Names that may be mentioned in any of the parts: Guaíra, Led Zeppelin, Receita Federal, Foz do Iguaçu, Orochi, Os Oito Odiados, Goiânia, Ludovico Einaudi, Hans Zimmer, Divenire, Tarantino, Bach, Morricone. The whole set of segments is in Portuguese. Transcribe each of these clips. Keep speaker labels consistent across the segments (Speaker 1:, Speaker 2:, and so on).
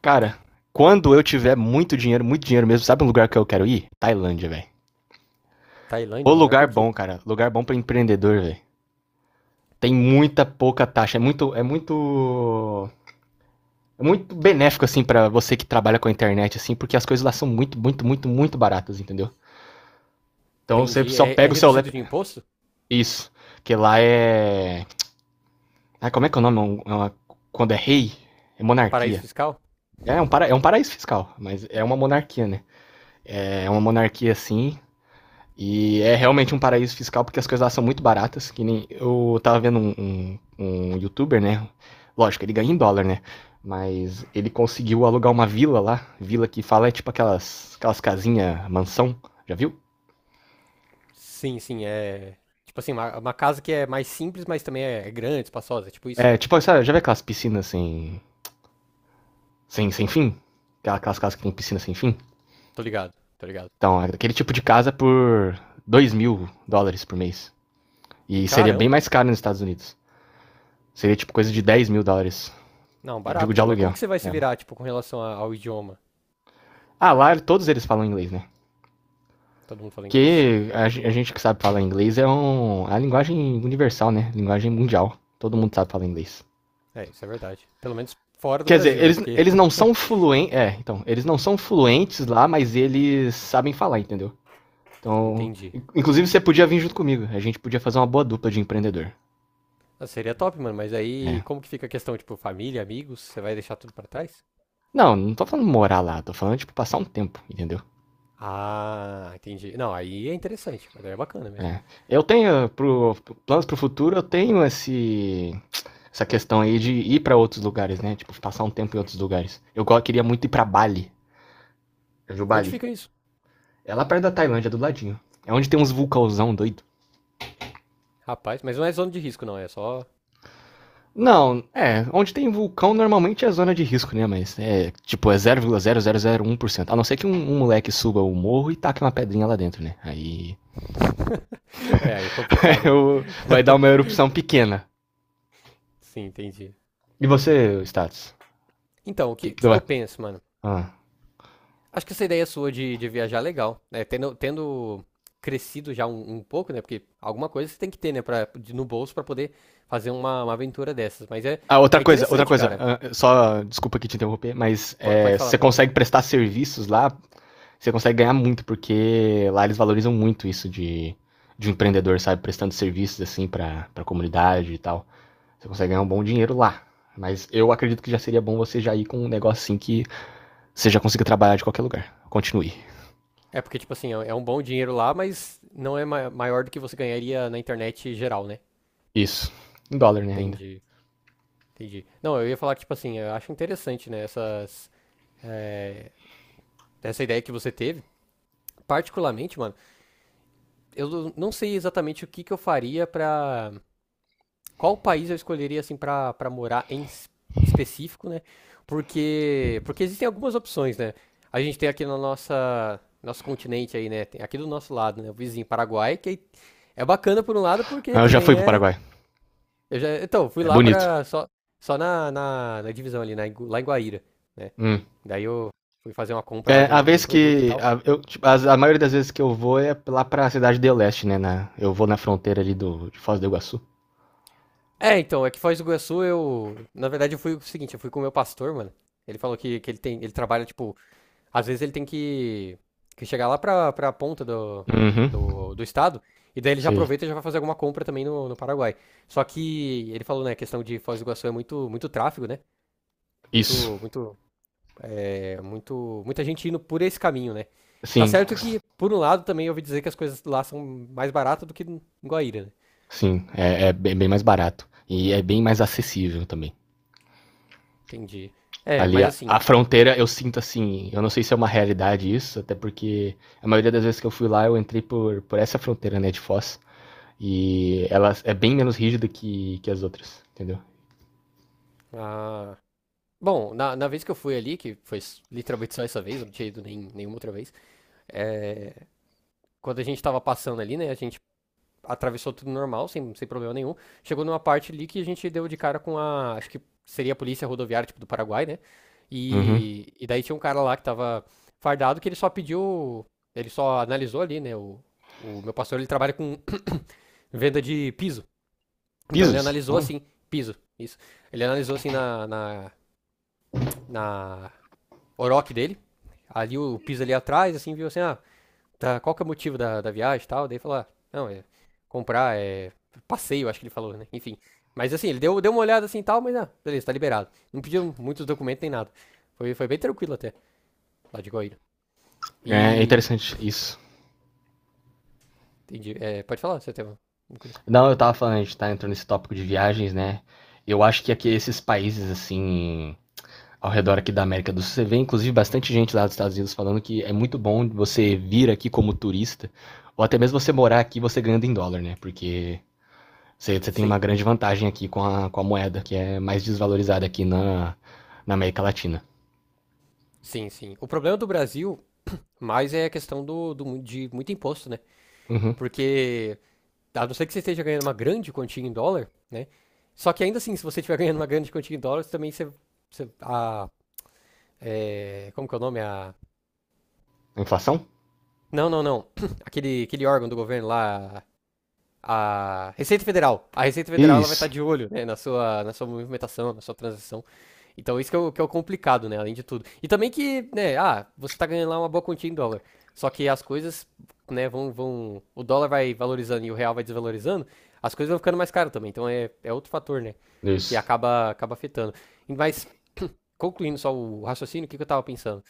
Speaker 1: Cara, quando eu tiver muito dinheiro mesmo, sabe um lugar que eu quero ir? Tailândia, velho. O
Speaker 2: Tailândia, mano, é
Speaker 1: lugar
Speaker 2: por quê?
Speaker 1: bom, cara. Lugar bom pra empreendedor, velho. Tem muita pouca taxa. É muito benéfico, assim, pra você que trabalha com a internet, assim, porque as coisas lá são muito, muito, muito, muito baratas, entendeu? Então você
Speaker 2: Entendi.
Speaker 1: só
Speaker 2: É
Speaker 1: pega o seu lap.
Speaker 2: reduzido de imposto?
Speaker 1: Isso. Que lá é. Ah, como é que é o nome? Quando é rei? É
Speaker 2: Paraíso
Speaker 1: monarquia.
Speaker 2: fiscal?
Speaker 1: É um paraíso fiscal, mas é uma monarquia, né? É uma monarquia assim. E é realmente um paraíso fiscal porque as coisas lá são muito baratas. Que nem eu tava vendo um youtuber, né? Lógico, ele ganha em dólar, né? Mas ele conseguiu alugar uma vila lá. Vila que fala é tipo aquelas casinhas mansão. Já viu?
Speaker 2: Sim, sim, é. Tipo assim, uma casa que é mais simples, mas também é grande, espaçosa, é tipo isso.
Speaker 1: É tipo, sabe, já vê aquelas piscinas sem fim? Aquelas casas que tem piscina sem fim?
Speaker 2: Tô ligado, tô ligado.
Speaker 1: Então, é aquele tipo de casa por US$ 2.000 por mês. E seria bem
Speaker 2: Caramba.
Speaker 1: mais caro nos Estados Unidos. Seria tipo coisa de US$ 10.000.
Speaker 2: Não,
Speaker 1: Eu digo
Speaker 2: barato,
Speaker 1: de
Speaker 2: mano. Mas como
Speaker 1: aluguel.
Speaker 2: que você vai se
Speaker 1: É,
Speaker 2: virar, tipo, com relação ao idioma?
Speaker 1: Ah, lá todos eles falam inglês, né?
Speaker 2: Todo mundo fala inglês?
Speaker 1: Porque a gente que sabe falar inglês é um, a linguagem universal, né? Linguagem mundial. Todo mundo sabe falar inglês.
Speaker 2: É, isso é verdade. Pelo menos fora do
Speaker 1: Quer dizer,
Speaker 2: Brasil, né?
Speaker 1: eles,
Speaker 2: Porque.
Speaker 1: eles não são fluentes. É, então, eles não são fluentes lá, mas eles sabem falar, entendeu? Então,
Speaker 2: Entendi.
Speaker 1: inclusive você podia vir junto comigo. A gente podia fazer uma boa dupla de empreendedor.
Speaker 2: Ah, seria top, mano, mas aí
Speaker 1: É.
Speaker 2: como que fica a questão, tipo, família, amigos? Você vai deixar tudo pra trás?
Speaker 1: Não, não tô falando morar lá, tô falando, tipo, passar um tempo, entendeu?
Speaker 2: Ah, entendi. Não, aí é interessante, mas aí é bacana mesmo.
Speaker 1: É. Eu tenho, pro, planos pro futuro, eu tenho essa questão aí de ir para outros lugares, né? Tipo, passar um tempo em outros lugares. Eu queria muito ir para Bali,
Speaker 2: Onde
Speaker 1: Jubali.
Speaker 2: fica isso?
Speaker 1: É lá perto da Tailândia, do ladinho. É onde tem uns vulcãozão doido.
Speaker 2: Rapaz, mas não é zona de risco, não, é só.
Speaker 1: Não, é, onde tem vulcão normalmente é zona de risco, né? Mas é, tipo, é zero vírgula zero zero zero vírgula um por cento. A não ser que um moleque suba o morro e taque uma pedrinha lá dentro, né? Aí
Speaker 2: É, aí é complicado, velho.
Speaker 1: vai dar uma erupção pequena.
Speaker 2: Sim, entendi.
Speaker 1: E
Speaker 2: Entendi.
Speaker 1: você, Status?
Speaker 2: Então,
Speaker 1: Que
Speaker 2: que
Speaker 1: vai...
Speaker 2: eu penso, mano?
Speaker 1: Ah.
Speaker 2: Acho que essa ideia sua de viajar é legal, né? Tendo crescido já um pouco, né? Porque alguma coisa você tem que ter, né? No bolso pra poder fazer uma aventura dessas. Mas é,
Speaker 1: Ah, outra
Speaker 2: é
Speaker 1: coisa, outra
Speaker 2: interessante,
Speaker 1: coisa,
Speaker 2: cara.
Speaker 1: ah, só desculpa que te interromper, mas
Speaker 2: Pode
Speaker 1: é,
Speaker 2: falar,
Speaker 1: você
Speaker 2: pode falar.
Speaker 1: consegue prestar serviços lá, você consegue ganhar muito, porque lá eles valorizam muito isso de um empreendedor, sabe? Prestando serviços, assim, pra, pra comunidade e tal. Você consegue ganhar um bom dinheiro lá. Mas eu acredito que já seria bom você já ir com um negócio assim que você já consiga trabalhar de qualquer lugar. Continue.
Speaker 2: É porque, tipo assim, é um bom dinheiro lá, mas não é maior do que você ganharia na internet geral, né?
Speaker 1: Isso. Em dólar, né, ainda.
Speaker 2: Entendi. Entendi. Não, eu ia falar que, tipo assim, eu acho interessante, né, eh, essa ideia que você teve. Particularmente, mano, eu não sei exatamente o que que eu faria pra. Qual país eu escolheria, assim, pra morar em específico, né? Porque existem algumas opções, né? A gente tem aqui na nosso continente aí, né? Tem aqui do nosso lado, né? O vizinho Paraguai, que é bacana por um lado, porque
Speaker 1: Ah, eu já fui
Speaker 2: também
Speaker 1: pro
Speaker 2: é.
Speaker 1: Paraguai.
Speaker 2: Eu já, então, fui
Speaker 1: É
Speaker 2: lá
Speaker 1: bonito.
Speaker 2: pra. Só na, na divisão ali, lá em Guaíra, né?
Speaker 1: Hum.
Speaker 2: Daí eu fui fazer uma compra
Speaker 1: É,
Speaker 2: lá de
Speaker 1: a
Speaker 2: de um
Speaker 1: vez
Speaker 2: produto e
Speaker 1: que.
Speaker 2: tal.
Speaker 1: A, eu, tipo, a maioria das vezes que eu vou é lá pra cidade do Leste, né? Na- eu vou na fronteira ali do, de Foz do Iguaçu.
Speaker 2: É, então, é que Foz do Iguaçu eu. Na verdade, eu fui o seguinte, eu fui com o meu pastor, mano. Ele falou que, ele tem. Ele trabalha, tipo, às vezes ele tem que chegar lá pra, ponta do,
Speaker 1: Uhum.
Speaker 2: do, do estado. E daí ele já
Speaker 1: Sei.
Speaker 2: aproveita e já vai fazer alguma compra também no Paraguai. Só que ele falou, né, a questão de Foz do Iguaçu é muito, muito tráfego, né?
Speaker 1: Isso.
Speaker 2: Muito, muito, muita gente indo por esse caminho, né? Tá
Speaker 1: Sim,
Speaker 2: certo que, por um lado, também eu ouvi dizer que as coisas lá são mais baratas do que em Guaíra, né?
Speaker 1: sim, é, é bem mais barato. E é bem mais acessível também.
Speaker 2: Entendi. É,
Speaker 1: Ali,
Speaker 2: mas
Speaker 1: a
Speaker 2: assim,
Speaker 1: fronteira, eu sinto assim, eu não sei se é uma realidade isso, até porque a maioria das vezes que eu fui lá, eu entrei por essa fronteira, né, de Foz. E ela é bem menos rígida que as outras, entendeu?
Speaker 2: ah, bom, na vez que eu fui ali, que foi literalmente só essa vez, eu não tinha ido nem, nenhuma outra vez, é, quando a gente tava passando ali, né, a gente atravessou tudo normal, sem problema nenhum, chegou numa parte ali que a gente deu de cara com a, acho que seria a polícia rodoviária, tipo, do Paraguai, né,
Speaker 1: Uhum.
Speaker 2: e daí tinha um cara lá que tava fardado que ele só pediu, ele só analisou ali, né, o meu pastor, ele trabalha com venda de piso, então ele
Speaker 1: Pisos?
Speaker 2: analisou
Speaker 1: Ó.
Speaker 2: assim, piso, isso, ele analisou assim na na Orochi dele. Ali o piso ali atrás, assim, viu assim, ah, tá, qual que é o motivo da viagem e tal. Daí falou, ah, não, é comprar, é passeio, acho que ele falou, né? Enfim. Mas assim, ele deu, uma olhada assim e tal, mas ah, beleza, tá liberado. Não pediu muitos documentos nem nada. Foi bem tranquilo até, lá de Goiânia.
Speaker 1: É
Speaker 2: E.
Speaker 1: interessante isso.
Speaker 2: Entendi. É, pode falar, você tem uma coisa?
Speaker 1: Não, eu tava falando, a gente tá entrando nesse tópico de viagens, né? Eu acho que aqui esses países, assim, ao redor aqui da América do Sul. Você vê, inclusive, bastante gente lá dos Estados Unidos falando que é muito bom você vir aqui como turista, ou até mesmo você morar aqui você ganhando em dólar, né? Porque você, você tem uma
Speaker 2: Sim,
Speaker 1: grande vantagem aqui com a moeda, que é mais desvalorizada aqui na, na América Latina.
Speaker 2: sim, sim. O problema do Brasil mais é a questão de muito imposto, né?
Speaker 1: Uhum.
Speaker 2: Porque a não ser que você esteja ganhando uma grande quantia em dólar, né? Só que ainda assim, se você estiver ganhando uma grande quantia em dólares, também você. Você- a, é, como que é o nome?
Speaker 1: A inflação?
Speaker 2: Não, não, não. Aquele órgão do governo lá. A Receita Federal. A Receita Federal ela vai estar
Speaker 1: Isso.
Speaker 2: de olho, né, na sua, movimentação, na sua transação. Então isso que é, que é o complicado, né? Além de tudo. E também que, né, ah, você tá ganhando lá uma boa quantia em dólar. Só que as coisas, né, vão. O dólar vai valorizando e o real vai desvalorizando, as coisas vão ficando mais caras também. Então é outro fator, né? Que
Speaker 1: Isso.
Speaker 2: acaba afetando. Mas, concluindo só o raciocínio, o que, que eu tava pensando?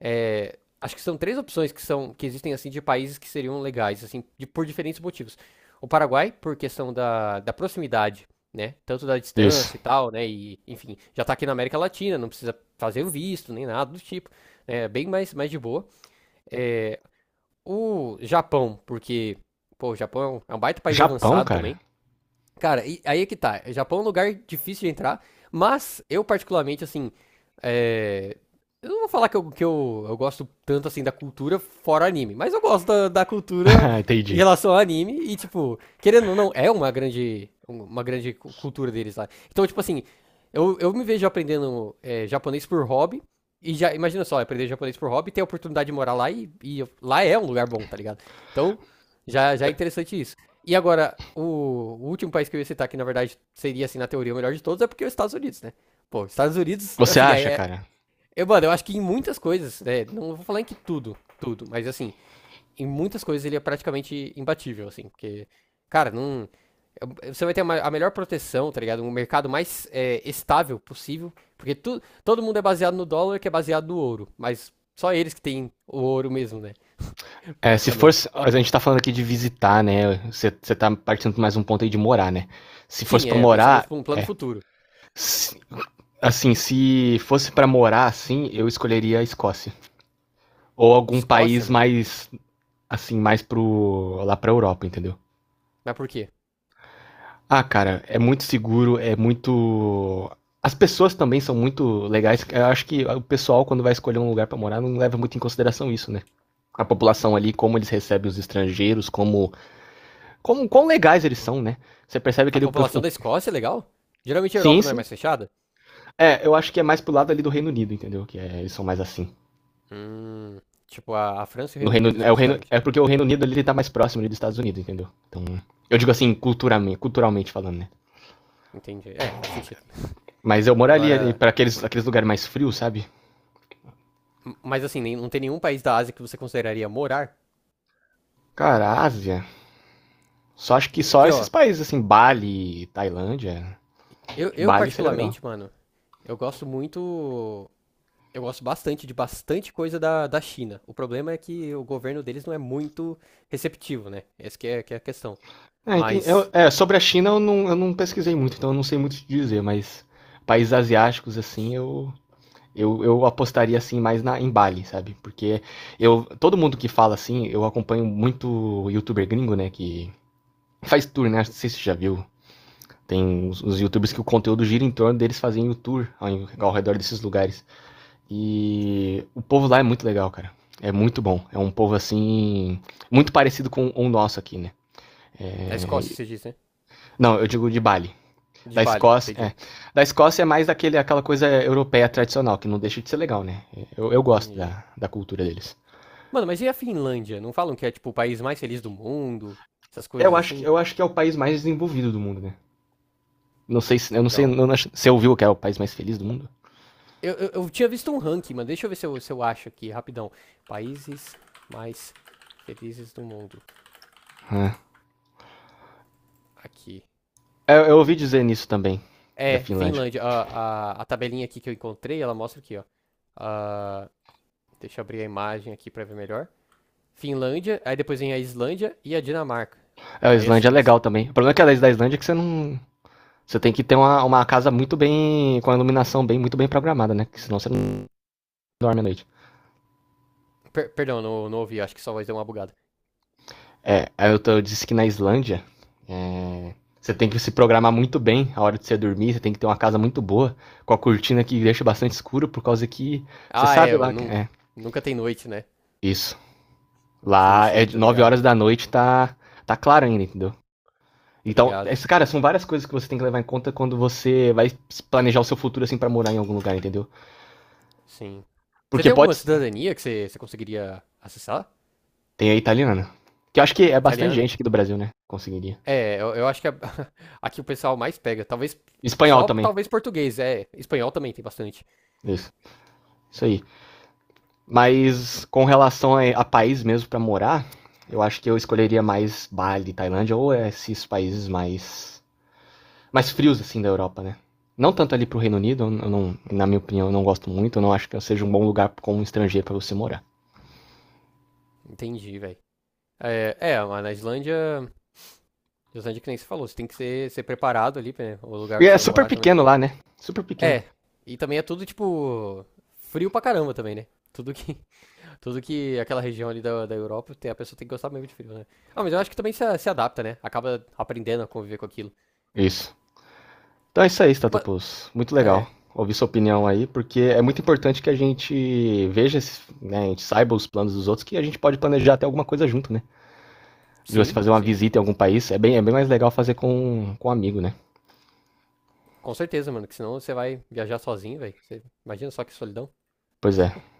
Speaker 2: É, acho que são três opções que existem assim de países que seriam legais assim por diferentes motivos. O Paraguai, por questão da proximidade, né, tanto da
Speaker 1: Isso.
Speaker 2: distância e tal, né, e enfim já tá aqui na América Latina, não precisa fazer o visto nem nada do tipo, né, é bem mais de boa. É, o Japão, porque pô, o Japão é é um baita país
Speaker 1: Japão,
Speaker 2: avançado
Speaker 1: cara?
Speaker 2: também. Cara, aí é que tá. Japão é um lugar difícil de entrar, mas eu particularmente, assim, é, eu não vou falar que eu gosto tanto, assim, da cultura fora anime, mas eu gosto da cultura em
Speaker 1: Entendi.
Speaker 2: relação ao anime e, tipo, querendo ou não, é uma grande cultura deles lá. Então, tipo assim, eu me vejo aprendendo japonês por hobby e já, imagina só, aprender japonês por hobby, ter a oportunidade de morar lá lá é um lugar bom, tá ligado? Então, já, já é interessante isso. E agora, o último país que eu ia citar, que na verdade seria, assim, na teoria o melhor de todos, é porque é os Estados Unidos, né? Pô, Estados Unidos,
Speaker 1: Você
Speaker 2: assim, é,
Speaker 1: acha,
Speaker 2: é-
Speaker 1: cara?
Speaker 2: Eu, mano, eu acho que em muitas coisas, né, não vou falar em que tudo, tudo, mas assim, em muitas coisas ele é praticamente imbatível, assim, porque, cara, não, você vai ter a melhor proteção, tá ligado? Um mercado mais estável possível, porque todo mundo é baseado no dólar, que é baseado no ouro, mas só eles que têm o ouro mesmo, né,
Speaker 1: É, se fosse.
Speaker 2: basicamente.
Speaker 1: A gente tá falando aqui de visitar, né? Você tá partindo mais um ponto aí de morar, né? Se fosse
Speaker 2: Sim,
Speaker 1: pra
Speaker 2: é, pensando
Speaker 1: morar,
Speaker 2: num plano
Speaker 1: é.
Speaker 2: futuro.
Speaker 1: Se- Assim, se fosse pra morar assim, eu escolheria a Escócia. Ou algum
Speaker 2: Escócia,
Speaker 1: país
Speaker 2: mano,
Speaker 1: mais, assim, mais pro. Lá pra Europa, entendeu?
Speaker 2: mas por quê?
Speaker 1: Ah, cara, é muito seguro, é muito. As pessoas também são muito legais. Eu acho que o pessoal, quando vai escolher um lugar pra morar, não leva muito em consideração isso, né? A população ali, como eles recebem os estrangeiros, como. Como quão legais eles são, né? Você percebe que
Speaker 2: A
Speaker 1: ele. O-
Speaker 2: população da Escócia é legal? Geralmente a
Speaker 1: Sim,
Speaker 2: Europa não é
Speaker 1: sim.
Speaker 2: mais fechada?
Speaker 1: É, eu acho que é mais pro lado ali do Reino Unido, entendeu? Que é, eles são mais assim.
Speaker 2: Hum, tipo a França e o
Speaker 1: No
Speaker 2: Reino
Speaker 1: Reino,
Speaker 2: Unido
Speaker 1: é, o Reino,
Speaker 2: especificamente.
Speaker 1: é porque o Reino Unido ele tá mais próximo ali dos Estados Unidos, entendeu? Então, eu digo assim, culturalmente, culturalmente falando, né?
Speaker 2: Entendi. É, faz sentido.
Speaker 1: Mas eu moraria ali
Speaker 2: Agora,
Speaker 1: pra aqueles, aqueles lugares mais frios, sabe?
Speaker 2: mas assim, não tem nenhum país da Ásia que você consideraria morar?
Speaker 1: Cara, Ásia. Só acho que só
Speaker 2: Porque,
Speaker 1: esses
Speaker 2: ó,
Speaker 1: países, assim, Bali, Tailândia.
Speaker 2: eu
Speaker 1: Bali seria legal.
Speaker 2: particularmente, mano, eu gosto muito. Eu gosto bastante de bastante coisa da China. O problema é que o governo deles não é muito receptivo, né? Essa que é a questão.
Speaker 1: É, entendi, eu,
Speaker 2: Mas,
Speaker 1: é, sobre a China eu não pesquisei muito, então eu não sei muito te dizer, mas países asiáticos, assim, eu apostaria, assim, mais na, em Bali, sabe? Porque eu, todo mundo que fala assim, eu acompanho muito youtuber gringo, né, que faz tour, né? Não sei se você já viu. Tem os youtubers que o conteúdo gira em torno deles fazendo tour ao, ao redor desses lugares. E o povo lá é muito legal, cara. É muito bom. É um povo assim. Muito parecido com o nosso aqui, né?
Speaker 2: na Escócia se diz, né?
Speaker 1: Não, eu digo de Bali.
Speaker 2: De
Speaker 1: Da
Speaker 2: Bali,
Speaker 1: Escócia,
Speaker 2: entendi.
Speaker 1: é. Da Escócia é mais daquele, aquela coisa europeia tradicional, que não deixa de ser legal, né? Eu gosto
Speaker 2: Entendi.
Speaker 1: da cultura deles.
Speaker 2: Mano, mas e a Finlândia? Não falam que é, tipo, o país mais feliz do mundo? Essas coisas assim?
Speaker 1: Eu acho que é o país mais desenvolvido do mundo, né? Não sei se. Eu não sei. Eu
Speaker 2: Então.
Speaker 1: não, você ouviu que é o país mais feliz do mundo?
Speaker 2: Eu tinha visto um ranking, mano. Deixa eu ver se eu acho aqui, rapidão. Países mais felizes do mundo.
Speaker 1: Ah,
Speaker 2: Aqui.
Speaker 1: eu ouvi dizer nisso também, da
Speaker 2: É,
Speaker 1: Finlândia.
Speaker 2: Finlândia. A tabelinha aqui que eu encontrei, ela mostra aqui, ó. Ah, deixa eu abrir a imagem aqui pra ver melhor. Finlândia, aí depois vem a Islândia e a Dinamarca.
Speaker 1: É, a
Speaker 2: Aí a
Speaker 1: Islândia é
Speaker 2: Suíça.
Speaker 1: legal também. O problema é que a lei da Islândia é que você não. Você tem que ter uma casa muito bem. Com a iluminação bem, muito bem programada, né? Porque senão você não dorme à noite.
Speaker 2: Perdão, não ouvi, acho que só vai dar uma bugada.
Speaker 1: É, eu disse que na Islândia. É, você tem que se programar muito bem a hora de você dormir. Você tem que ter uma casa muito boa, com a cortina que deixa bastante escuro, por causa que. Você
Speaker 2: Ah, é,
Speaker 1: sabe
Speaker 2: eu
Speaker 1: lá.
Speaker 2: não,
Speaker 1: É,
Speaker 2: nunca tem noite, né?
Speaker 1: isso.
Speaker 2: Sim,
Speaker 1: Lá
Speaker 2: sim,
Speaker 1: é
Speaker 2: eu
Speaker 1: de
Speaker 2: tô
Speaker 1: 9
Speaker 2: ligado.
Speaker 1: horas da noite, tá. Tá claro ainda, entendeu?
Speaker 2: Tá
Speaker 1: Então,
Speaker 2: ligado?
Speaker 1: cara, são várias coisas que você tem que levar em conta quando você vai planejar o seu futuro, assim, para morar em algum lugar, entendeu?
Speaker 2: Sim. Você
Speaker 1: Porque
Speaker 2: tem alguma
Speaker 1: pode.
Speaker 2: cidadania que você conseguiria acessar?
Speaker 1: Tem a italiana. Que eu acho que é bastante
Speaker 2: Italiana?
Speaker 1: gente aqui do Brasil, né? Conseguiria.
Speaker 2: É, eu acho que aqui o pessoal mais pega. Talvez.
Speaker 1: Espanhol
Speaker 2: Só
Speaker 1: também.
Speaker 2: talvez português. É, espanhol também tem bastante.
Speaker 1: Isso. Isso aí. Mas com relação a país mesmo para morar, eu acho que eu escolheria mais Bali, Tailândia ou esses países mais frios assim da Europa, né? Não tanto ali pro Reino Unido, eu não, na minha opinião, eu não gosto muito, eu não acho que seja um bom lugar como um estrangeiro para você morar.
Speaker 2: Entendi, velho. Mas na Islândia. Na Islândia, que nem você falou, você tem que ser preparado ali, né? O lugar
Speaker 1: E
Speaker 2: onde
Speaker 1: é
Speaker 2: você vai
Speaker 1: super
Speaker 2: morar também.
Speaker 1: pequeno lá, né? Super pequeno.
Speaker 2: É. E também é tudo, tipo. Frio pra caramba também, né? Tudo que. Tudo que aquela região ali da Europa, tem, a pessoa tem que gostar mesmo de frio, né? Ah, mas eu acho que também se adapta, né? Acaba aprendendo a conviver com aquilo.
Speaker 1: Isso. Então é isso aí,
Speaker 2: Mas,
Speaker 1: Statopus. Muito
Speaker 2: é,
Speaker 1: legal ouvir sua opinião aí, porque é muito importante que a gente veja, esses- né, a gente saiba os planos dos outros, que a gente pode planejar até alguma coisa junto, né? De você
Speaker 2: sim,
Speaker 1: fazer uma
Speaker 2: sim.
Speaker 1: visita em algum país, é bem mais legal fazer com um amigo, né?
Speaker 2: Com certeza, mano, que senão você vai viajar sozinho, velho. Imagina só que solidão.
Speaker 1: Pois é.